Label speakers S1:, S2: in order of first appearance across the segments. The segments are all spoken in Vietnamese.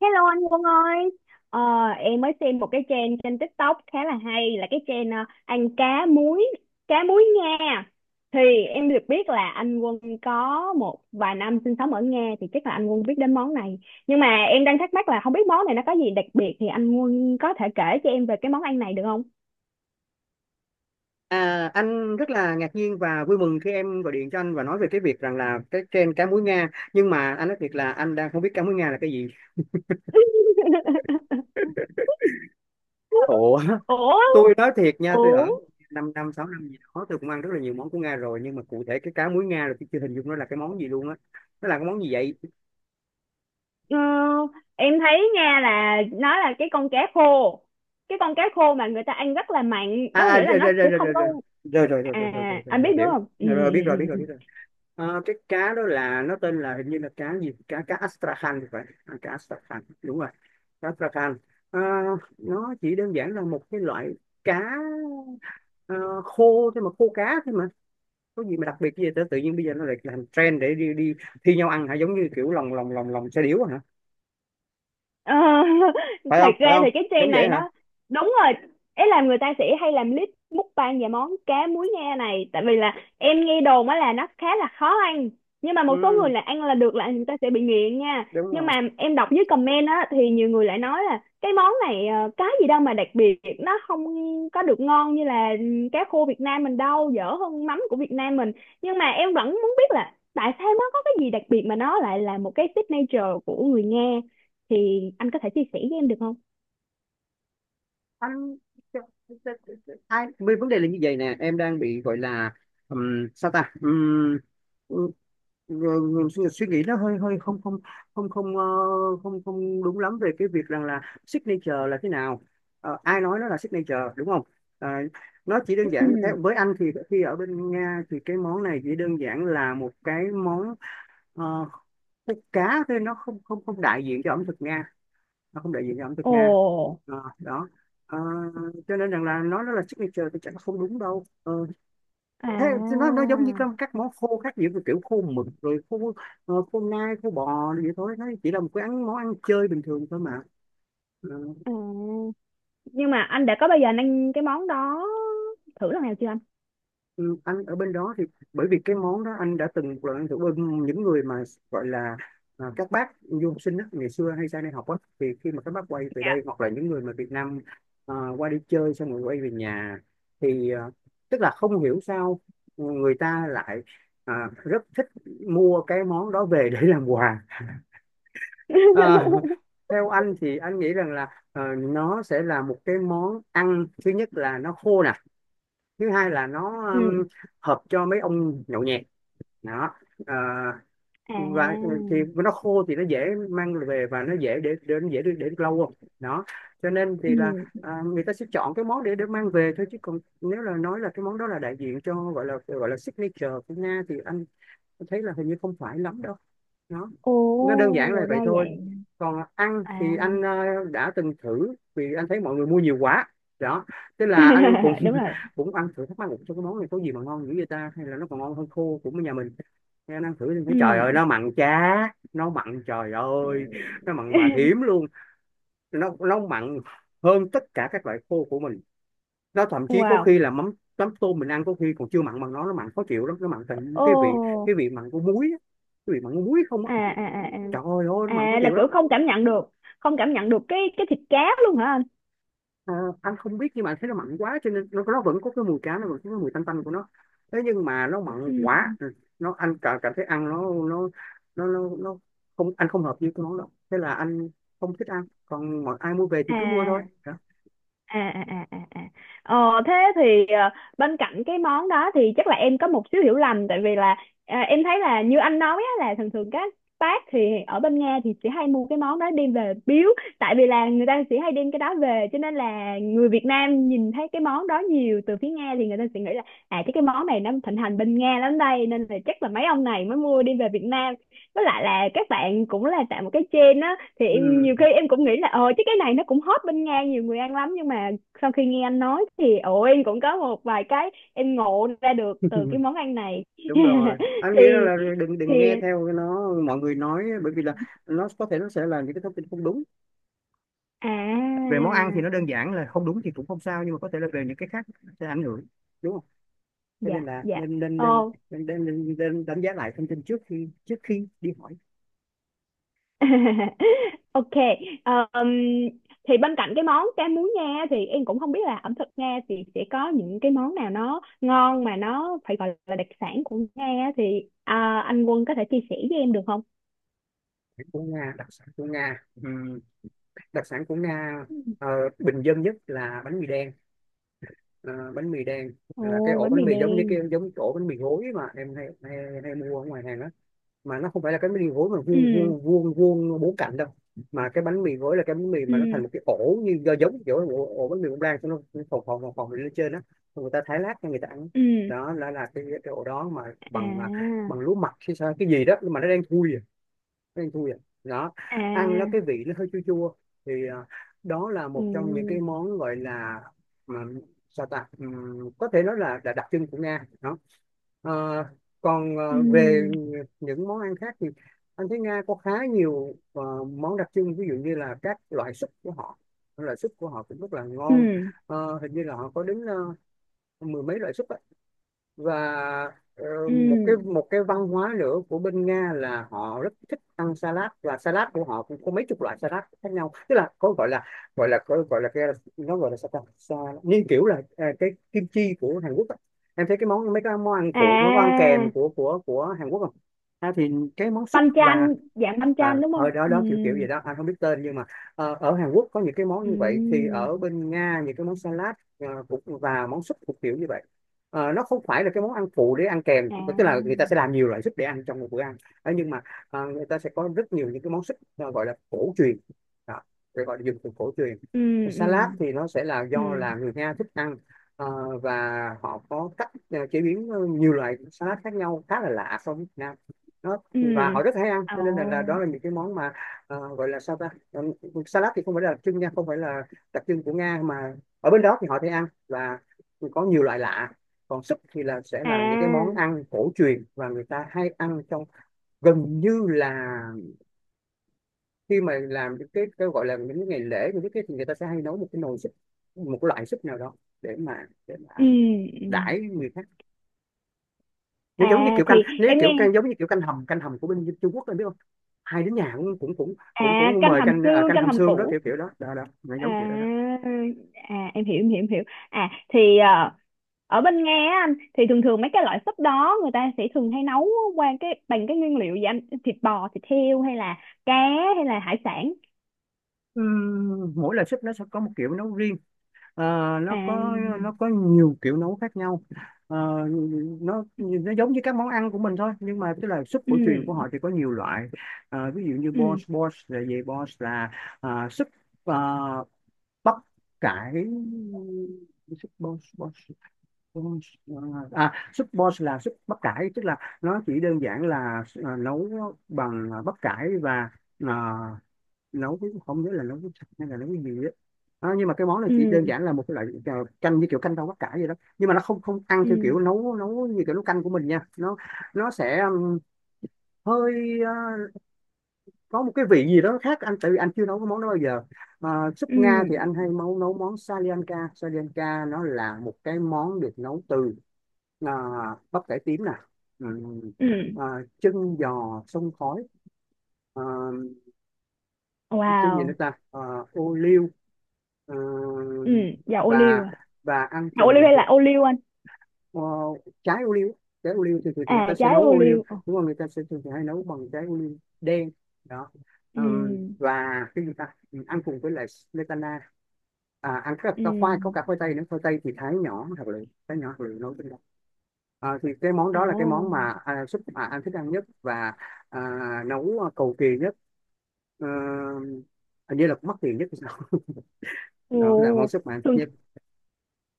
S1: Hello anh Quân ơi, ờ, em mới xem một cái trend trên TikTok khá là hay là cái trend ăn cá muối Nga. Thì em được biết là anh Quân có một vài năm sinh sống ở Nga thì chắc là anh Quân biết đến món này. Nhưng mà em đang thắc mắc là không biết món này nó có gì đặc biệt thì anh Quân có thể kể cho em về cái món ăn này được không?
S2: À, anh rất là ngạc nhiên và vui mừng khi em gọi điện cho anh và nói về cái việc rằng là cái trend cá muối Nga, nhưng mà anh nói thiệt là anh đang không biết cá muối Nga là cái gì. Ủa,
S1: Ủa,
S2: tôi nói thiệt nha, tôi
S1: ủa,
S2: ở 5 năm 6 năm gì đó, tôi cũng ăn rất là nhiều món của Nga rồi, nhưng mà cụ thể cái cá muối Nga là tôi chưa hình dung nó là cái món gì luôn á. Nó là cái món gì vậy?
S1: ờ, em thấy nha là nó là cái con cá khô, cái con cá khô mà người ta ăn rất là mặn,
S2: À
S1: có
S2: à,
S1: nghĩa là
S2: rồi
S1: nó
S2: rồi rồi
S1: sẽ
S2: rồi
S1: không
S2: rồi
S1: có.
S2: rồi rồi rồi rồi rồi rồi rồi
S1: À,
S2: rồi
S1: anh biết
S2: rồi,
S1: đúng
S2: hiểu
S1: không? Ừ,
S2: Rồi rồi, biết
S1: ừ,
S2: rồi biết
S1: ừ.
S2: rồi
S1: Ừ.
S2: biết rồi. Cái cá đó là nó tên là hình như là cá gì, cá cá Astrakhan thì phải, à, cá Astrakhan đúng rồi, cá Astrakhan. Ờ, nó chỉ đơn giản là một cái loại cá ờ, khô thôi mà, khô cá thôi mà, có gì mà đặc biệt gì vậy? Tự nhiên bây giờ nó lại làm trend để đi đi thi nhau ăn hả, giống như kiểu lòng lòng lòng lòng xe điếu hả,
S1: Ờ,
S2: phải
S1: thật
S2: không phải
S1: ra
S2: không,
S1: thì cái
S2: giống
S1: trend
S2: vậy
S1: này
S2: hả?
S1: nó đúng rồi, ý là người ta sẽ hay làm clip mukbang về món cá muối nghe này, tại vì là em nghe đồn á là nó khá là khó ăn, nhưng mà một số người
S2: Ừ,
S1: là ăn là được là người ta sẽ bị nghiện nha.
S2: đúng
S1: Nhưng
S2: rồi.
S1: mà em đọc dưới comment á thì nhiều người lại nói là cái món này cái gì đâu mà đặc biệt, nó không có được ngon như là cá khô Việt Nam mình, đâu dở hơn mắm của Việt Nam mình. Nhưng mà em vẫn muốn biết là tại sao nó có cái gì đặc biệt mà nó lại là một cái signature của người Nga, thì anh có thể chia sẻ với em được không?
S2: Anh hai mươi vấn đề là như vậy nè, em đang bị gọi là sao ta. Ừ, ừ, suy, suy nghĩ nó hơi hơi không không, không không không không đúng lắm về cái việc rằng là signature là thế nào. Ờ, ai nói nó là signature, đúng không? Ờ, nó chỉ đơn giản theo
S1: Ừ.
S2: với anh thì khi ở bên Nga thì cái món này chỉ đơn giản là một cái món ờ, khúc cá thôi, nó không không không đại diện cho ẩm thực Nga, nó không đại diện cho ẩm thực
S1: Ồ.
S2: Nga. Ờ, đó. Ờ, cho nên rằng là nói nó là signature thì chắc là không đúng đâu. Ờ, thế thì
S1: À,
S2: nó giống như các món khô khác, giữa kiểu khô mực rồi khô khô nai khô bò rồi vậy thôi, nó chỉ là một cái ăn món ăn chơi bình thường thôi mà. Ờ,
S1: à. Nhưng mà anh đã có bao giờ anh ăn cái món đó thử lần nào chưa anh?
S2: ừ, anh ở bên đó thì bởi vì cái món đó anh đã từng một lần ăn thử bên những người mà gọi là à, các bác du học sinh á, ngày xưa hay sang đây học á, thì khi mà các bác quay về đây hoặc là những người mà Việt Nam à, qua đi chơi xong rồi quay về nhà thì à, tức là không hiểu sao người ta lại à, rất thích mua cái món đó về để làm quà. À, theo anh thì anh nghĩ rằng là nó sẽ là một cái món ăn, thứ nhất là nó khô nè, thứ hai là nó
S1: Ừ.
S2: hợp cho mấy ông nhậu nhẹt đó. Ờ, và
S1: À.
S2: thì nó khô thì nó dễ mang về và nó dễ để lâu không đó, cho nên thì là
S1: Ừ.
S2: à, người ta sẽ chọn cái món để mang về thôi, chứ còn nếu là nói là cái món đó là đại diện cho gọi là signature của Nga thì anh thấy là hình như không phải lắm đâu. nó
S1: Ồ,
S2: nó đơn giản là vậy
S1: ra
S2: thôi.
S1: vậy.
S2: Còn ăn thì
S1: À.
S2: anh đã từng thử vì anh thấy mọi người mua nhiều quá đó, thế là anh cũng
S1: Đúng rồi.
S2: cũng ăn thử, thắc mắc một cái món này có gì mà ngon dữ vậy ta, hay là nó còn ngon hơn khô của nhà mình. Thế anh ăn thử thì thấy
S1: Ừ.
S2: trời ơi nó mặn chá, nó mặn trời ơi, nó mặn bà thím luôn, nó mặn hơn tất cả các loại khô của mình, nó thậm chí có
S1: Wow.
S2: khi là mắm mắm tôm mình ăn có khi còn chưa mặn bằng nó mặn khó chịu lắm, nó mặn thành
S1: Ồ.
S2: cái vị mặn của muối á, cái vị mặn của muối không á,
S1: À à à
S2: trời ơi ôi nó mặn
S1: à.
S2: khó
S1: À, là
S2: chịu lắm.
S1: kiểu không cảm nhận được, không cảm nhận được cái thịt cá luôn hả anh?
S2: Ờ, anh không biết nhưng mà anh thấy nó mặn quá cho nên nó vẫn có cái mùi cá, nó vẫn có cái mùi tanh tanh của nó, thế nhưng mà nó mặn
S1: Ừ.
S2: quá. Ừ, nó anh cảm cảm thấy ăn nó không, anh không hợp với cái món đó, thế là anh không thích ăn, còn mọi ai mua về thì cứ mua thôi
S1: À
S2: đó.
S1: à à à à à. Thế thì bên cạnh cái món đó thì chắc là em có một xíu hiểu lầm, tại vì là em thấy là như anh nói á, là thường thường các bác thì ở bên Nga thì chỉ hay mua cái món đó đem về biếu, tại vì là người ta chỉ hay đem cái đó về, cho nên là người Việt Nam nhìn thấy cái món đó nhiều từ phía Nga thì người ta sẽ nghĩ là à chứ cái món này nó thịnh hành bên Nga lắm đây, nên là chắc là mấy ông này mới mua đem về Việt Nam. Với lại là các bạn cũng là tạo một cái trend á, thì
S2: Ừ.
S1: em nhiều khi em cũng nghĩ là ờ chứ cái này nó cũng hot bên Nga, nhiều người ăn lắm. Nhưng mà sau khi nghe anh nói thì ồ, em cũng có một vài cái em ngộ ra được từ cái món ăn này.
S2: Đúng rồi, anh nghĩ rằng
S1: thì
S2: là đừng
S1: thì
S2: đừng nghe theo nó mọi người nói, bởi vì là nó có thể nó sẽ là những cái thông tin không đúng
S1: à
S2: về món ăn, thì nó đơn giản là không đúng thì cũng không sao, nhưng mà có thể là về những cái khác sẽ ảnh hưởng, đúng không? Cho nên
S1: Dạ,
S2: là
S1: dạ.
S2: nên nên nên
S1: Ồ.
S2: nên, nên, nên, nên đánh giá lại thông tin trước khi đi hỏi.
S1: Ok. Ờm, thì bên cạnh cái món cá muối Nga thì em cũng không biết là ẩm thực Nga thì sẽ có những cái món nào nó ngon mà nó phải gọi là đặc sản của Nga, thì anh Quân có thể chia sẻ với em được không?
S2: Của Nga, đặc sản của Nga. Đặc sản của Nga, ờ, bình dân nhất là bánh mì đen. Ờ, bánh mì đen là cái
S1: Ồ,
S2: ổ
S1: bánh
S2: bánh
S1: mì
S2: mì giống như cái
S1: đen.
S2: giống cái ổ bánh mì gối mà em hay hay, hay mua ở ngoài hàng đó, mà nó không phải là cái bánh mì gối mà
S1: Ừ,
S2: vuông vuông vuông vuông bốn cạnh đâu, mà cái bánh mì gối là cái bánh mì mà nó
S1: ừ,
S2: thành một cái ổ như do giống kiểu ổ, ổ bánh mì bông lan xong nó phồng phồng phồng phồng lên trên đó. Xong người ta thái lát cho người ta ăn,
S1: ừ.
S2: đó là cái ổ đó mà bằng à,
S1: À,
S2: bằng lúa mạch hay sao cái gì đó, nhưng mà nó đang thui. Ăn thui vậy đó, ăn nó
S1: à,
S2: cái vị nó hơi chua chua thì à, đó là một trong những
S1: ừ,
S2: cái món gọi là mà, sao ta. Có thể nói là đặc trưng của Nga đó. Ờ, còn
S1: ừ,
S2: về những món ăn khác thì anh thấy Nga có khá nhiều món đặc trưng, ví dụ như là các loại súp của họ, loại súp của họ cũng rất là ngon.
S1: ừ,
S2: Ờ, hình như là họ có đến mười mấy loại súp và ờ,
S1: ừ.
S2: một cái văn hóa nữa của bên Nga là họ rất thích ăn salad và salad của họ cũng có mấy chục loại salad khác nhau, tức là có gọi là gọi là gọi gọi là cái nó gọi là sao ta Sa- như kiểu là cái kim chi của Hàn Quốc á. Em thấy cái món mấy cái món ăn phụ món ăn
S1: À,
S2: kèm của Hàn Quốc không? À, thì cái món súp
S1: banh
S2: và
S1: chan, dạng banh
S2: à,
S1: chan đúng
S2: ở
S1: không?
S2: đó
S1: Ừ,
S2: đó kiểu kiểu gì đó anh không biết tên, nhưng mà ở Hàn Quốc có những cái món
S1: ừ,
S2: như vậy thì ở bên Nga những cái món salad cũng và món súp cũng kiểu như vậy. Ờ, nó không phải là cái món ăn phụ để ăn kèm,
S1: à,
S2: tức là người ta sẽ làm nhiều loại súp để ăn trong một bữa ăn. Ờ, nhưng mà người ta sẽ có rất nhiều những cái món súp gọi là cổ truyền đó, để gọi là dùng từ cổ truyền.
S1: ừ,
S2: Salad
S1: ừ,
S2: thì nó sẽ là do
S1: ừ,
S2: là người Nga thích ăn và họ có cách chế biến nhiều loại salad khác nhau khá là lạ so với Việt Nam. Nó
S1: ừ.
S2: và họ rất hay ăn, cho nên là đó
S1: Ồ,
S2: là những cái món mà gọi là sao ta. Salad thì không phải là đặc trưng nha, không phải là đặc trưng của Nga, mà ở bên đó thì họ thấy ăn và có nhiều loại lạ. Còn súp thì là sẽ là những cái món
S1: à,
S2: ăn cổ truyền và người ta hay ăn trong gần như là khi mà làm những cái gọi là những cái ngày lễ những cái thì người ta sẽ hay nấu một cái nồi súp, một cái loại súp nào đó để mà
S1: ừ, ừ.
S2: đãi người khác. Nếu giống như
S1: À,
S2: kiểu
S1: thì
S2: canh, nếu
S1: em nghe.
S2: kiểu canh giống như kiểu canh hầm của bên Trung Quốc, em biết không, hai đứa nhà cũng cũng cũng cũng
S1: À,
S2: cũng
S1: canh
S2: mời
S1: hầm
S2: canh à,
S1: xương,
S2: canh
S1: canh
S2: hầm
S1: hầm
S2: xương đó, kiểu
S1: củ.
S2: kiểu đó đó đó nó
S1: À.
S2: giống kiểu đó đó.
S1: À em hiểu, em hiểu, em hiểu. À thì ở bên Nga á anh, thì thường thường mấy cái loại súp đó người ta sẽ thường hay nấu qua cái bằng cái nguyên liệu gì anh, thịt bò, thịt heo hay là cá hay là hải sản?
S2: Mỗi loại súp nó sẽ có một kiểu nấu riêng. Ờ,
S1: À.
S2: nó có nhiều kiểu nấu khác nhau. Ờ, nó giống như các món ăn của mình thôi, nhưng mà tức là súp
S1: Ừ,
S2: cổ truyền của họ thì có nhiều loại. Ờ, ví dụ như bos,
S1: ừ,
S2: bos là gì, bos là à, súp à, bắp cải, súp bos bos. Đúng rồi. Súp bò là súp bắp cải, tức là nó chỉ đơn giản là nấu bằng bắp cải và à, nấu với, không nhớ là nấu với sạch hay là nấu với gì đó. Nhưng mà cái món này chỉ
S1: ừ,
S2: đơn giản là một cái loại canh, như kiểu canh rau bắp cải vậy đó, nhưng mà nó không không ăn
S1: ừ,
S2: theo kiểu nấu nấu như kiểu nấu canh của mình nha. Nó sẽ hơi có một cái vị gì đó khác, anh tại vì anh chưa nấu cái món đó bao giờ. À, Súp
S1: ừ,
S2: Nga thì anh hay nấu nấu món Salianka. Salianka nó là một cái món được nấu từ à, bắp cải tím nè, Ừm,
S1: ừ.
S2: à, chân giò sông khói, à, cái gì nữa
S1: Wow.
S2: ta, ô liu, à,
S1: Ừ. Dầu ô liu
S2: và
S1: à?
S2: và ăn
S1: Dầu ô liu
S2: cùng
S1: hay là
S2: với-
S1: ô liu anh?
S2: ờ, trái ô liu. Trái ô liu thì, thì người ta
S1: À,
S2: sẽ
S1: trái
S2: nấu
S1: ô
S2: ô liu
S1: liu. Ồ.
S2: đúng không, người ta sẽ thường thì hay nấu bằng trái ô liu đen đó.
S1: Ừ,
S2: Và cái gì ta, ừ, ăn cùng với lại smetana, ăn cái khoai, có
S1: ừ.
S2: cả khoai tây nữa, khoai tây thì thái nhỏ thật lựu, thái nhỏ thật lựu nấu trên đó. Thì cái món đó là cái
S1: Ồ.
S2: món mà súp mà anh thích ăn nhất, và à, nấu cầu kỳ nhất. Ờ, hình như là cũng mắc tiền nhất thì sao đó là món
S1: Ồ,
S2: súp mà anh thích
S1: thường
S2: nhất.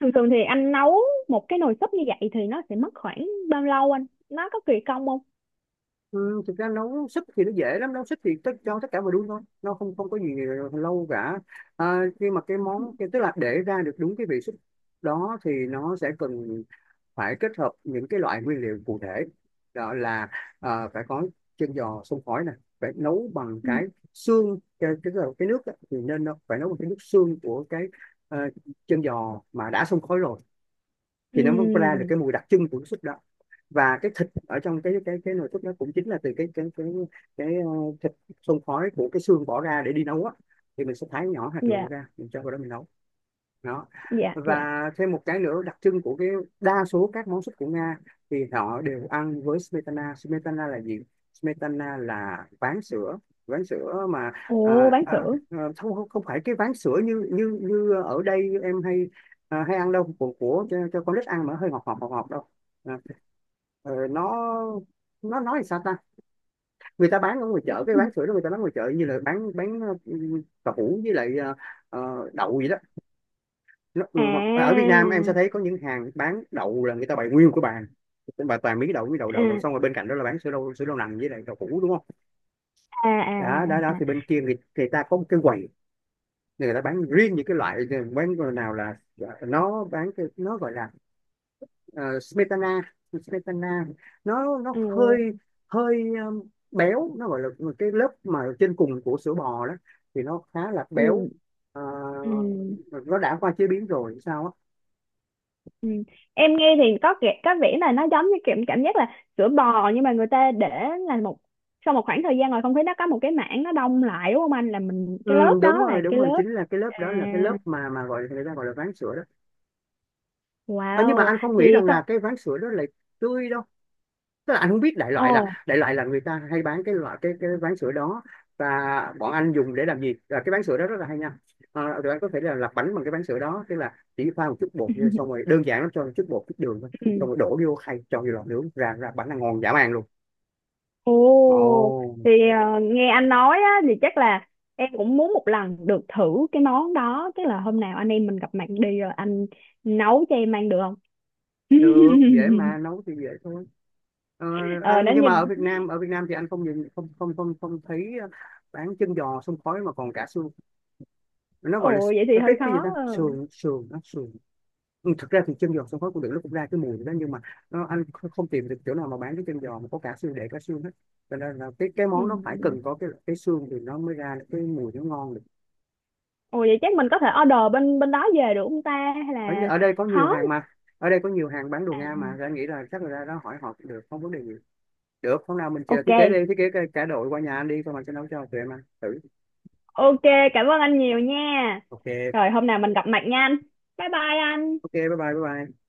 S1: thường thường thì anh nấu một cái nồi súp như vậy thì nó sẽ mất khoảng bao lâu anh? Nó có kỳ công không?
S2: Ừ, thực ra nấu súp thì nó dễ lắm, nấu súp thì tất, cho tất cả mọi đun thôi, nó không không có gì lâu cả. Khi mà cái món tức là để ra được đúng cái vị súp đó thì nó sẽ cần phải kết hợp những cái loại nguyên liệu cụ thể. Đó là ờ, phải có chân giò xông khói này, phải nấu bằng
S1: Ừ.
S2: cái xương, cái nước á, thì nên nó phải nấu bằng cái nước xương của cái ờ, chân giò mà đã xông khói rồi
S1: Ừ,
S2: thì nó mới ra được cái mùi đặc trưng của cái súp đó. Và cái thịt ở trong cái nồi súp đó cũng chính là từ cái thịt xông khói của cái xương bỏ ra để đi nấu á, thì mình sẽ thái nhỏ hạt lựu
S1: dạ,
S2: ra, mình cho vào đó mình nấu đó.
S1: dạ, dạ.
S2: Và thêm một cái nữa đặc trưng của cái đa số các món súp của Nga thì họ đều ăn với smetana. Smetana là gì, smetana là ván sữa. Ván sữa mà
S1: Ồ,
S2: à,
S1: bán
S2: à,
S1: sữa.
S2: à, không không không phải cái ván sữa như như như ở đây em hay hay ăn đâu, của cho con nít ăn mà hơi ngọt ngọt ngọt ngọt đâu. à, ờ, nó nó nói sao ta, người ta bán ở ngoài chợ cái bán sữa đó, người ta bán ngoài chợ như là bán ừ, cà hũ với lại đậu vậy đó. Nó,
S1: À,
S2: ừ, hoặc ở Việt Nam em sẽ thấy có những hàng bán đậu là người ta bày nguyên một cái bàn bà toàn mí đậu đậu đậu.
S1: à,
S2: Xong rồi bên cạnh đó là bán sữa đậu, sữa đậu nành với lại đậu hũ đúng không.
S1: à, à,
S2: Đó đó đó,
S1: à, à.
S2: thì bên kia người ta có một cái quầy, người ta bán riêng những cái loại ờ, bán nào là nó bán cái nó gọi là ờ, smetana. Smetana nó
S1: Ừ,
S2: hơi hơi béo, nó gọi là cái lớp mà trên cùng của sữa bò đó thì nó khá là béo.
S1: ừ,
S2: Ờ,
S1: ừ.
S2: nó đã qua chế biến rồi sao á.
S1: Em nghe thì có kẻ- có vẻ là nó giống như kiểu cảm giác là sữa bò, nhưng mà người ta để là một sau một khoảng thời gian rồi không thấy, nó có một cái mảng nó đông lại đúng không anh, là mình
S2: Ừ,
S1: cái lớp
S2: đúng
S1: đó là
S2: rồi đúng
S1: cái
S2: rồi
S1: lớp.
S2: chính là cái lớp đó,
S1: À.
S2: là cái lớp mà gọi người ta gọi là ván sữa đó. Nhưng mà
S1: Wow.
S2: anh không
S1: thì
S2: nghĩ rằng là cái ván sữa đó là tươi đâu, tức là anh không biết, đại
S1: Ồ.
S2: loại là đại loại là người ta hay bán cái loại cái ván sữa đó. Và bọn anh dùng để làm gì, là cái ván sữa đó rất là hay nha. Tụi anh có thể là làm bánh bằng cái ván sữa đó, tức là chỉ pha một chút bột vô, xong rồi đơn giản lắm, cho một chút bột chút đường thôi, xong
S1: Ừ.
S2: rồi đổ vô khay cho vô lò nướng, ra ra bánh là ngon dã man luôn.
S1: Ồ.
S2: Ồ,
S1: Thì ờ, nghe anh nói á thì chắc là em cũng muốn một lần được thử cái món đó, chắc là hôm nào anh em mình gặp mặt đi rồi anh nấu cho em ăn được không?
S2: được, dễ mà, nấu thì dễ thôi. Ờ,
S1: Ờ nó
S2: anh nhưng mà ở
S1: nhìn.
S2: Việt Nam, ở Việt Nam thì anh không nhìn không không không không thấy bán chân giò xông khói mà còn cả xương. Nó gọi là
S1: Ồ
S2: s-
S1: vậy thì
S2: nó
S1: hơi
S2: cái gì ta,
S1: khó ờ.
S2: sườn, sườn nó sườn. Ừ, thực ra thì chân giò xông khói cũng được, nó cũng ra cái mùi đó nhưng mà nó, anh kh- không tìm được chỗ nào mà bán cái chân giò mà có cả xương, để cả xương hết. Cho nên là cái
S1: Ừ.
S2: món nó phải cần có cái xương thì nó mới ra được cái mùi nó ngon được.
S1: Ồ vậy chắc mình có thể order bên bên đó về được không ta, hay là
S2: Ở đây có nhiều
S1: khó?
S2: hàng mà, ở đây có nhiều hàng bán đồ Nga mà. Thì anh nghĩ là chắc là ra đó hỏi họ cũng được, không vấn đề gì. Được, hôm nào mình chờ
S1: Ok.
S2: thiết kế đi, thiết kế cái- cả đội qua nhà anh đi, xong rồi sẽ nấu cho tụi em ăn. Thử.
S1: Ok. Cảm ơn anh nhiều nha.
S2: Ok,
S1: Rồi hôm nào mình gặp mặt nha anh. Bye bye
S2: ok,
S1: anh.
S2: bye bye, bye bye.